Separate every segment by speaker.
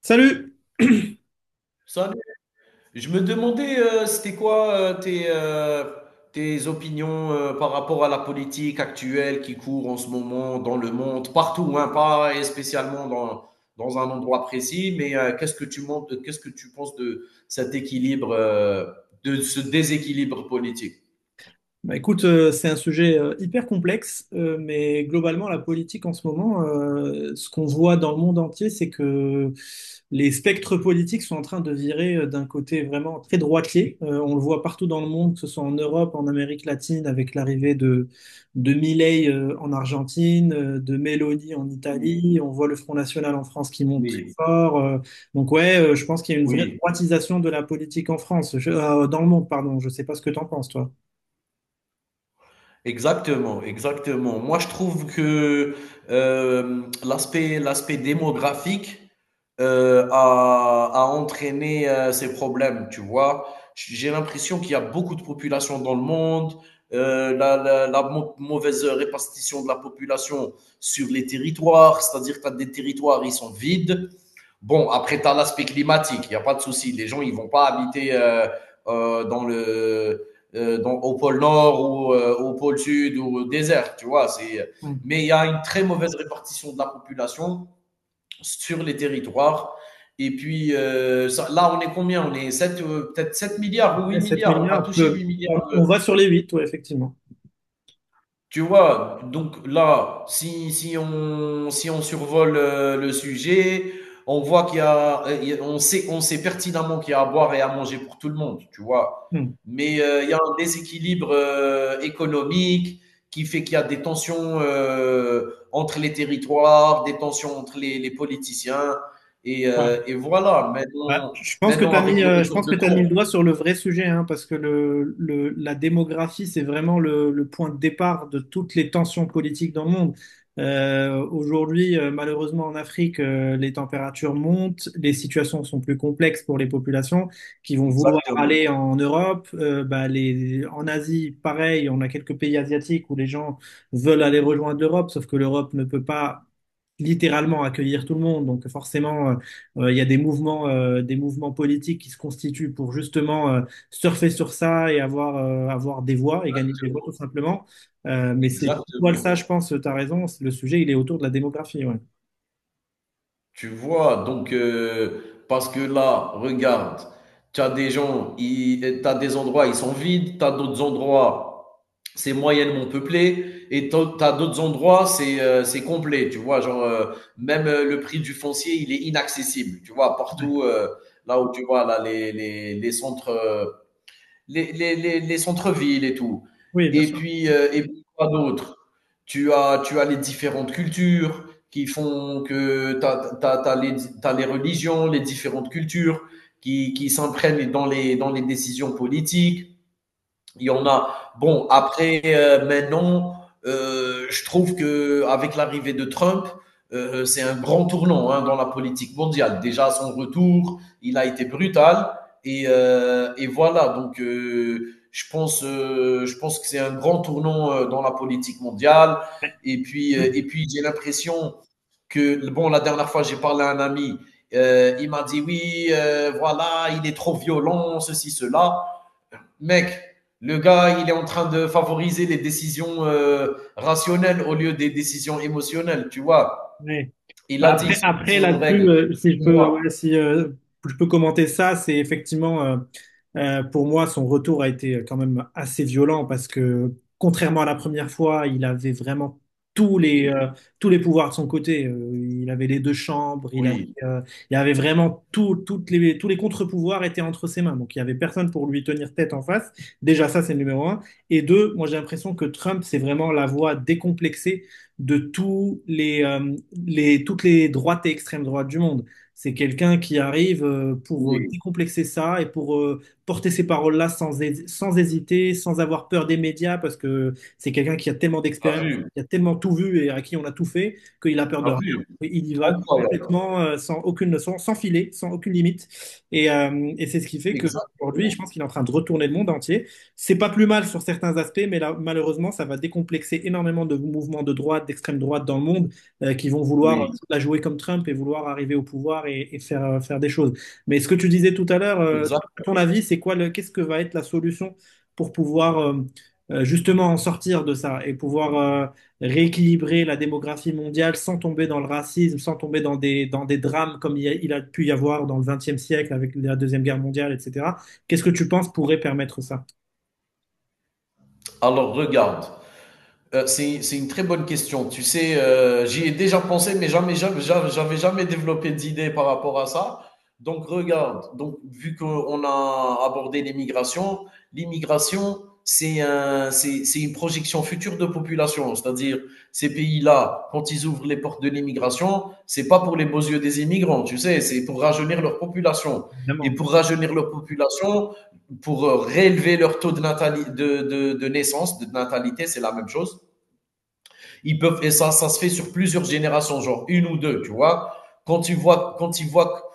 Speaker 1: Salut!
Speaker 2: Salut. Je me demandais, c'était quoi tes opinions par rapport à la politique actuelle qui court en ce moment dans le monde, partout, hein, pas spécialement dans un endroit précis, mais qu'est-ce que tu montes, qu'est-ce que tu penses de cet équilibre, de ce déséquilibre politique?
Speaker 1: Bah écoute, c'est un sujet hyper complexe, mais globalement, la politique en ce moment, ce qu'on voit dans le monde entier, c'est que les spectres politiques sont en train de virer d'un côté vraiment très droitier. On le voit partout dans le monde, que ce soit en Europe, en Amérique latine, avec l'arrivée de Milei en Argentine, de Meloni en
Speaker 2: Oui,
Speaker 1: Italie. On voit le Front National en France qui monte très
Speaker 2: oui,
Speaker 1: fort. Donc ouais, je pense qu'il y a une vraie
Speaker 2: oui.
Speaker 1: droitisation de la politique en France, dans le monde, pardon. Je sais pas ce que t'en penses, toi.
Speaker 2: Exactement, exactement. Moi, je trouve que l'aspect démographique a entraîné ces problèmes, tu vois. J'ai l'impression qu'il y a beaucoup de populations dans le monde, mauvaise répartition de la population sur les territoires, c'est-à-dire que tu as des territoires, ils sont vides. Bon, après, tu as l'aspect climatique, il n'y a pas de souci. Les gens, ils ne vont pas habiter euh, dans le, au pôle Nord ou au pôle Sud ou au désert, tu vois. C'est...
Speaker 1: Hmm.
Speaker 2: Mais il y a une très mauvaise répartition de la population sur les territoires. Et puis, là, on est combien? On est 7, peut-être 7 milliards ou 8
Speaker 1: Les 7
Speaker 2: milliards. On va
Speaker 1: milliards,
Speaker 2: toucher 8 milliards.
Speaker 1: on va sur les 8, ouais, effectivement.
Speaker 2: Tu vois? Donc là, si on survole, le sujet, on voit qu'il y a on sait pertinemment qu'il y a à boire et à manger pour tout le monde, tu vois?
Speaker 1: Hmm.
Speaker 2: Mais, il y a un déséquilibre, économique qui fait qu'il y a des tensions, entre les territoires, des tensions entre les politiciens
Speaker 1: Ouais.
Speaker 2: et voilà.
Speaker 1: Ah,
Speaker 2: Maintenant maintenant avec le
Speaker 1: je
Speaker 2: retour
Speaker 1: pense
Speaker 2: de
Speaker 1: que tu mis
Speaker 2: Trump,
Speaker 1: le doigt sur le vrai sujet, hein, parce que la démographie, c'est vraiment le point de départ de toutes les tensions politiques dans le monde. Aujourd'hui, malheureusement en Afrique, les températures montent, les situations sont plus complexes pour les populations qui vont vouloir
Speaker 2: exactement,
Speaker 1: aller en Europe. En Asie, pareil, on a quelques pays asiatiques où les gens veulent aller rejoindre l'Europe, sauf que l'Europe ne peut pas littéralement accueillir tout le monde, donc forcément. Il y a des mouvements politiques qui se constituent pour justement surfer sur ça et avoir, avoir des voix et gagner des voix
Speaker 2: exactement,
Speaker 1: tout simplement. Mais c'est tout ça, je
Speaker 2: exactement.
Speaker 1: pense, tu as raison, le sujet, il est autour de la démographie. Ouais.
Speaker 2: Tu vois, donc, parce que là, regarde, tu as des gens, tu as des endroits, ils sont vides, tu as d'autres endroits, c'est moyennement peuplé, et tu as d'autres endroits, c'est complet, tu vois, genre, même le prix du foncier, il est inaccessible, tu vois, partout, là où tu vois, là, les centres, les centres-villes et tout.
Speaker 1: Oui, bien sûr.
Speaker 2: Et puis quoi d'autre? Tu as les différentes cultures qui font que as, les, t'as les religions, les différentes cultures qui s'imprègnent dans dans les décisions politiques. Il y en a. Bon, après, maintenant, je trouve que avec l'arrivée de Trump, c'est un grand tournant, hein, dans la politique mondiale. Déjà, à son retour, il a été brutal. Et voilà, donc je pense que c'est un grand tournant dans la politique mondiale. Et puis j'ai l'impression que, bon, la dernière fois, j'ai parlé à un ami, il m'a dit, oui, voilà, il est trop violent, ceci, cela. Mec, le gars, il est en train de favoriser les décisions rationnelles au lieu des décisions émotionnelles, tu vois.
Speaker 1: Ouais.
Speaker 2: Il
Speaker 1: Bah,
Speaker 2: a dit, ce
Speaker 1: après
Speaker 2: sont les
Speaker 1: là-dessus,
Speaker 2: règles.
Speaker 1: si je peux,
Speaker 2: Moi,
Speaker 1: ouais, si je peux commenter ça, c'est effectivement pour moi son retour a été quand même assez violent parce que contrairement à la première fois, il avait vraiment tous les
Speaker 2: oui,
Speaker 1: euh, tous les pouvoirs de son côté. Il avait les deux chambres,
Speaker 2: oui,
Speaker 1: euh, il avait vraiment tout, toutes les tous les contre-pouvoirs étaient entre ses mains. Donc il y avait personne pour lui tenir tête en face. Déjà ça c'est le numéro un. Et deux, moi j'ai l'impression que Trump c'est vraiment la voix décomplexée de toutes les droites et extrêmes droites du monde. C'est quelqu'un qui arrive pour
Speaker 2: oui,
Speaker 1: décomplexer ça et pour porter ces paroles-là sans hésiter, sans avoir peur des médias, parce que c'est quelqu'un qui a tellement d'expérience,
Speaker 2: oui.
Speaker 1: qui a tellement tout vu et à qui on a tout fait, qu'il a peur de rien. Il y va
Speaker 2: Incroyable.
Speaker 1: complètement sans aucune leçon, sans filet, sans aucune limite. Et c'est ce qui fait qu'aujourd'hui, je
Speaker 2: Exactement.
Speaker 1: pense qu'il est en train de retourner le monde entier. C'est pas plus mal sur certains aspects, mais là, malheureusement, ça va décomplexer énormément de mouvements de droite, d'extrême droite dans le monde, qui vont vouloir
Speaker 2: Oui,
Speaker 1: la jouer comme Trump et vouloir arriver au pouvoir et faire, faire des choses. Mais ce que tu disais tout à l'heure,
Speaker 2: exact.
Speaker 1: ton avis, qu'est-ce que va être la solution pour pouvoir justement en sortir de ça et pouvoir rééquilibrer la démographie mondiale sans tomber dans le racisme, sans tomber dans dans des drames comme il a pu y avoir dans le XXe siècle avec la Deuxième Guerre mondiale, etc. Qu'est-ce que tu penses pourrait permettre ça?
Speaker 2: Alors, regarde. C'est une très bonne question. Tu sais, j'y ai déjà pensé, mais j'avais jamais développé d'idée par rapport à ça. Donc, regarde, donc, vu qu'on a abordé l'immigration, l'immigration, c'est c'est une projection future de population. C'est-à-dire, ces pays-là, quand ils ouvrent les portes de l'immigration, c'est pas pour les beaux yeux des immigrants, tu sais, c'est pour rajeunir leur population. Et
Speaker 1: Évidemment.
Speaker 2: pour rajeunir leur population, pour réélever leur taux de, natali- de naissance, de natalité, c'est la même chose. Ils peuvent, et ça se fait sur plusieurs générations, genre une ou deux, tu vois. Quand ils voient,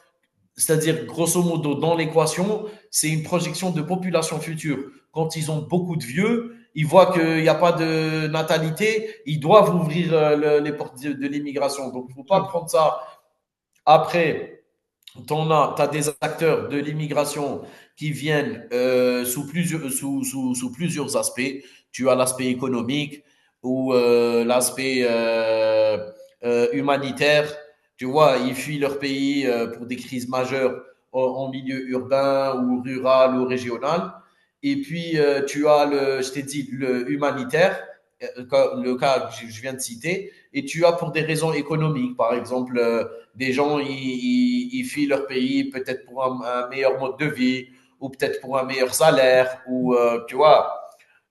Speaker 2: c'est-à-dire grosso modo dans l'équation, c'est une projection de population future. Quand ils ont beaucoup de vieux, ils voient qu'il n'y a pas de natalité, ils doivent ouvrir les portes de l'immigration. Donc, il ne faut pas prendre ça. Après des acteurs de l'immigration qui viennent sous plusieurs aspects. Tu as l'aspect économique ou l'aspect humanitaire. Tu vois, ils fuient leur pays pour des crises majeures en milieu urbain ou rural ou régional. Et puis, je t'ai dit, le humanitaire, euh, le cas que je viens de citer. Et tu as pour des raisons économiques, par exemple des gens, ils fuient leur pays peut-être pour un meilleur mode de vie ou peut-être pour un meilleur salaire ou tu vois.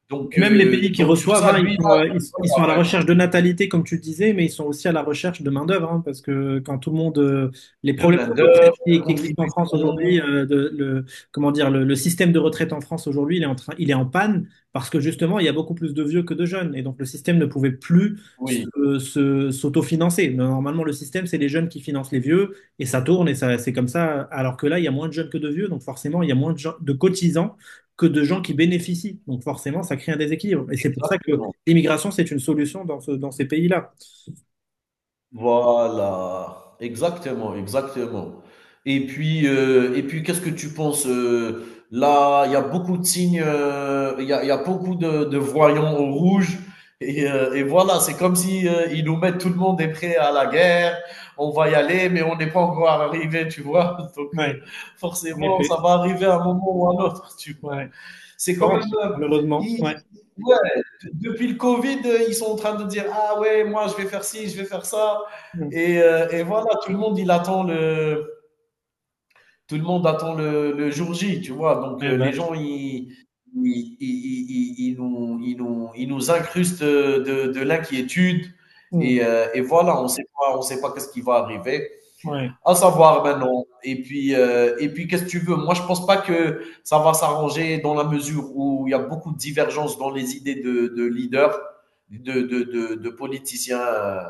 Speaker 1: Même les pays qui
Speaker 2: Donc sur
Speaker 1: reçoivent,
Speaker 2: ça,
Speaker 1: hein,
Speaker 2: lui, là, il parle
Speaker 1: ils sont à la recherche de natalité, comme tu disais, mais ils sont aussi à la recherche de main-d'œuvre, hein, parce que quand tout le monde, les
Speaker 2: de
Speaker 1: problèmes
Speaker 2: main
Speaker 1: de
Speaker 2: d'œuvre,
Speaker 1: retraite
Speaker 2: de
Speaker 1: qui existent en France aujourd'hui,
Speaker 2: contribution.
Speaker 1: comment dire, le système de retraite en France aujourd'hui, il est en panne, parce que justement, il y a beaucoup plus de vieux que de jeunes, et donc le système ne pouvait plus
Speaker 2: Oui,
Speaker 1: s'autofinancer. Mais normalement, le système, c'est les jeunes qui financent les vieux, et ça tourne, et ça, c'est comme ça, alors que là, il y a moins de jeunes que de vieux, donc forcément, il y a moins de cotisants que de gens qui bénéficient. Donc forcément, ça crée un déséquilibre. Et c'est pour ça que
Speaker 2: exactement.
Speaker 1: l'immigration, c'est une solution dans ces pays-là.
Speaker 2: Voilà, exactement, exactement. Et puis qu'est-ce que tu penses, là, il y a beaucoup de signes, il y a beaucoup de voyants au rouge et voilà, c'est comme si, ils nous mettent, tout le monde est prêt à la guerre. On va y aller, mais on n'est pas encore arrivé, tu vois? Donc
Speaker 1: Ouais, en
Speaker 2: forcément, ça
Speaker 1: effet.
Speaker 2: va arriver à un moment ou à un autre, tu vois?
Speaker 1: Ouais, je
Speaker 2: C'est quand même.
Speaker 1: pense, malheureusement.
Speaker 2: Ils-
Speaker 1: Ouais.
Speaker 2: ouais, depuis le Covid, ils sont en train de dire, ah ouais, moi je vais faire ci, je vais faire ça.
Speaker 1: Mm.
Speaker 2: Et voilà, tout le monde, tout le monde attend le jour J, tu vois. Donc
Speaker 1: Eh
Speaker 2: les
Speaker 1: ben,
Speaker 2: gens,
Speaker 1: je-
Speaker 2: ils nous incrustent l'inquiétude.
Speaker 1: mm.
Speaker 2: Et voilà, on sait pas qu'est-ce qui va arriver.
Speaker 1: Ouais.
Speaker 2: À savoir maintenant. Et puis qu'est-ce que tu veux? Moi, je pense pas que ça va s'arranger dans la mesure où il y a beaucoup de divergences dans les idées de leaders, de politiciens euh,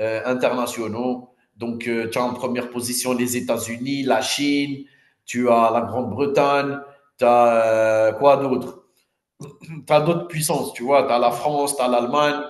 Speaker 2: euh, internationaux. Donc, tu as en première position les États-Unis, la Chine, tu as la Grande-Bretagne, tu as quoi d'autre? Tu as d'autres puissances, tu vois. Tu as la France, tu as l'Allemagne.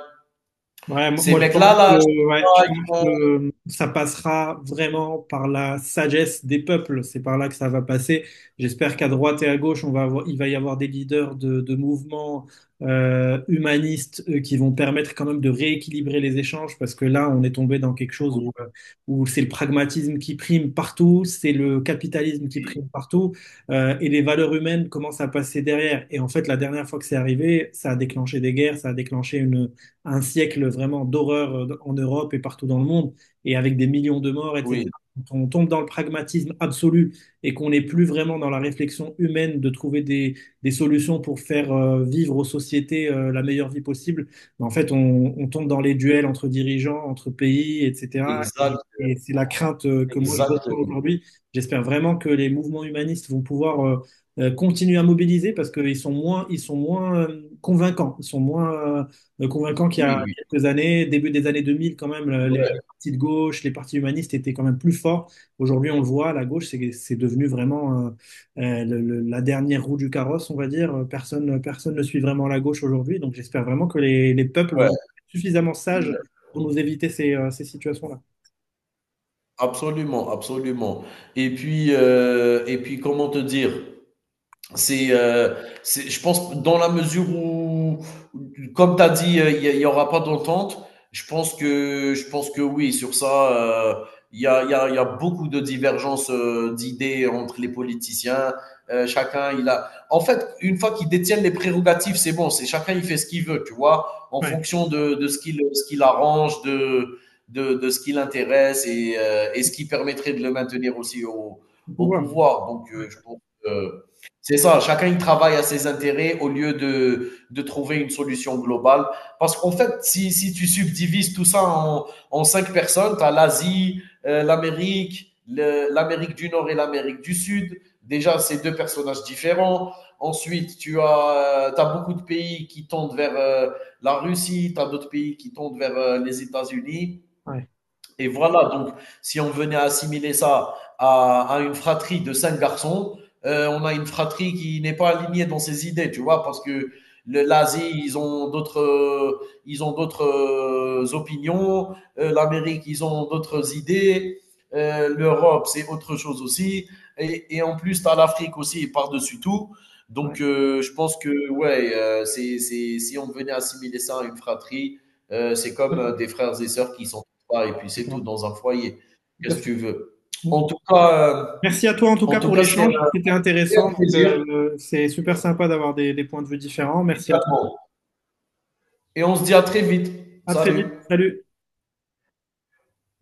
Speaker 1: Ouais, mo-
Speaker 2: Ces
Speaker 1: moi je pense
Speaker 2: mecs-là,
Speaker 1: que,
Speaker 2: là, je pense
Speaker 1: ouais, je
Speaker 2: pas,
Speaker 1: pense
Speaker 2: ils vont-
Speaker 1: que ça passera vraiment par la sagesse des peuples. C'est par là que ça va passer. J'espère qu'à droite et à gauche, il va y avoir des leaders de mouvements humanistes qui vont permettre quand même de rééquilibrer les échanges parce que là, on est tombé dans quelque chose
Speaker 2: Oui,
Speaker 1: où, où c'est le pragmatisme qui prime partout, c'est le capitalisme qui
Speaker 2: oui,
Speaker 1: prime partout et les valeurs humaines commencent à passer derrière. Et en fait, la dernière fois que c'est arrivé, ça a déclenché des guerres, ça a déclenché une un siècle vraiment d'horreur en Europe et partout dans le monde, et avec des millions de morts, etc.
Speaker 2: oui.
Speaker 1: Quand on tombe dans le pragmatisme absolu et qu'on n'est plus vraiment dans la réflexion humaine de trouver des solutions pour faire vivre aux sociétés la meilleure vie possible, ben en fait, on tombe dans les duels entre dirigeants, entre pays, etc.
Speaker 2: Exact,
Speaker 1: Et c'est la crainte que moi je ressens
Speaker 2: exactement.
Speaker 1: aujourd'hui. J'espère vraiment que les mouvements humanistes vont pouvoir continuer à mobiliser parce qu'ils sont moins convaincants, ils sont moins convaincant qu'il y a
Speaker 2: Oui, oui.
Speaker 1: quelques années, début des années 2000, quand même,
Speaker 2: Ouais,
Speaker 1: les partis de gauche, les partis humanistes étaient quand même plus forts. Aujourd'hui, on le voit, la gauche, c'est devenu vraiment la dernière roue du carrosse, on va dire. Personne ne suit vraiment la gauche aujourd'hui. Donc, j'espère vraiment que les peuples vont
Speaker 2: ouais,
Speaker 1: être suffisamment sages
Speaker 2: ouais.
Speaker 1: pour nous éviter ces situations-là.
Speaker 2: Absolument, absolument. Et puis, comment te dire? c'est, euh, je pense, dans la mesure où, comme tu as dit, il n'y aura pas d'entente, je pense que oui, sur ça, il y a, y a- y a beaucoup de divergences d'idées entre les politiciens. Chacun, il a. En fait, une fois qu'ils détiennent les prérogatives, c'est bon, c'est chacun, il fait ce qu'il veut, tu vois, en
Speaker 1: Ouais,
Speaker 2: fonction de ce qu'il arrange, de ce qui l'intéresse et ce qui permettrait de le maintenir aussi
Speaker 1: le
Speaker 2: au
Speaker 1: pouvoir.
Speaker 2: pouvoir. Donc,
Speaker 1: Hein.
Speaker 2: je pense que. C'est ça, chacun il travaille à ses intérêts au lieu de trouver une solution globale. Parce qu'en fait, si tu subdivises tout ça en cinq personnes, tu as l'Asie, l'Amérique du Nord et l'Amérique du Sud. Déjà, c'est deux personnages différents. Ensuite, t'as beaucoup de pays qui tendent vers la Russie, tu as d'autres pays qui tendent vers les États-Unis.
Speaker 1: Ouais,
Speaker 2: Et voilà, donc si on venait assimiler ça à une fratrie de cinq garçons, on a une fratrie qui n'est pas alignée dans ses idées, tu vois, parce que l'Asie, ils ont ils ont d'autres opinions, l'Amérique, ils ont d'autres idées, l'Europe, c'est autre chose aussi, et en plus, tu as l'Afrique aussi par-dessus tout.
Speaker 1: ouais,
Speaker 2: Donc,
Speaker 1: ouais.
Speaker 2: je pense que, ouais, si on venait assimiler ça à une fratrie, c'est
Speaker 1: Tout à
Speaker 2: comme
Speaker 1: fait.
Speaker 2: des frères et sœurs qui sont pas, et puis c'est tout,
Speaker 1: D'accord.
Speaker 2: dans un foyer.
Speaker 1: Tout à
Speaker 2: Qu'est-ce que
Speaker 1: fait.
Speaker 2: tu veux?
Speaker 1: Bon.
Speaker 2: En tout cas, euh,
Speaker 1: Merci à toi en tout
Speaker 2: en
Speaker 1: cas
Speaker 2: tout
Speaker 1: pour
Speaker 2: cas c'était
Speaker 1: l'échange.
Speaker 2: un
Speaker 1: C'était
Speaker 2: réel
Speaker 1: intéressant. Donc,
Speaker 2: plaisir
Speaker 1: c'est super sympa d'avoir des points de vue différents. Merci à toi.
Speaker 2: également. Et on se dit à très vite.
Speaker 1: À très vite.
Speaker 2: Salut.
Speaker 1: Salut.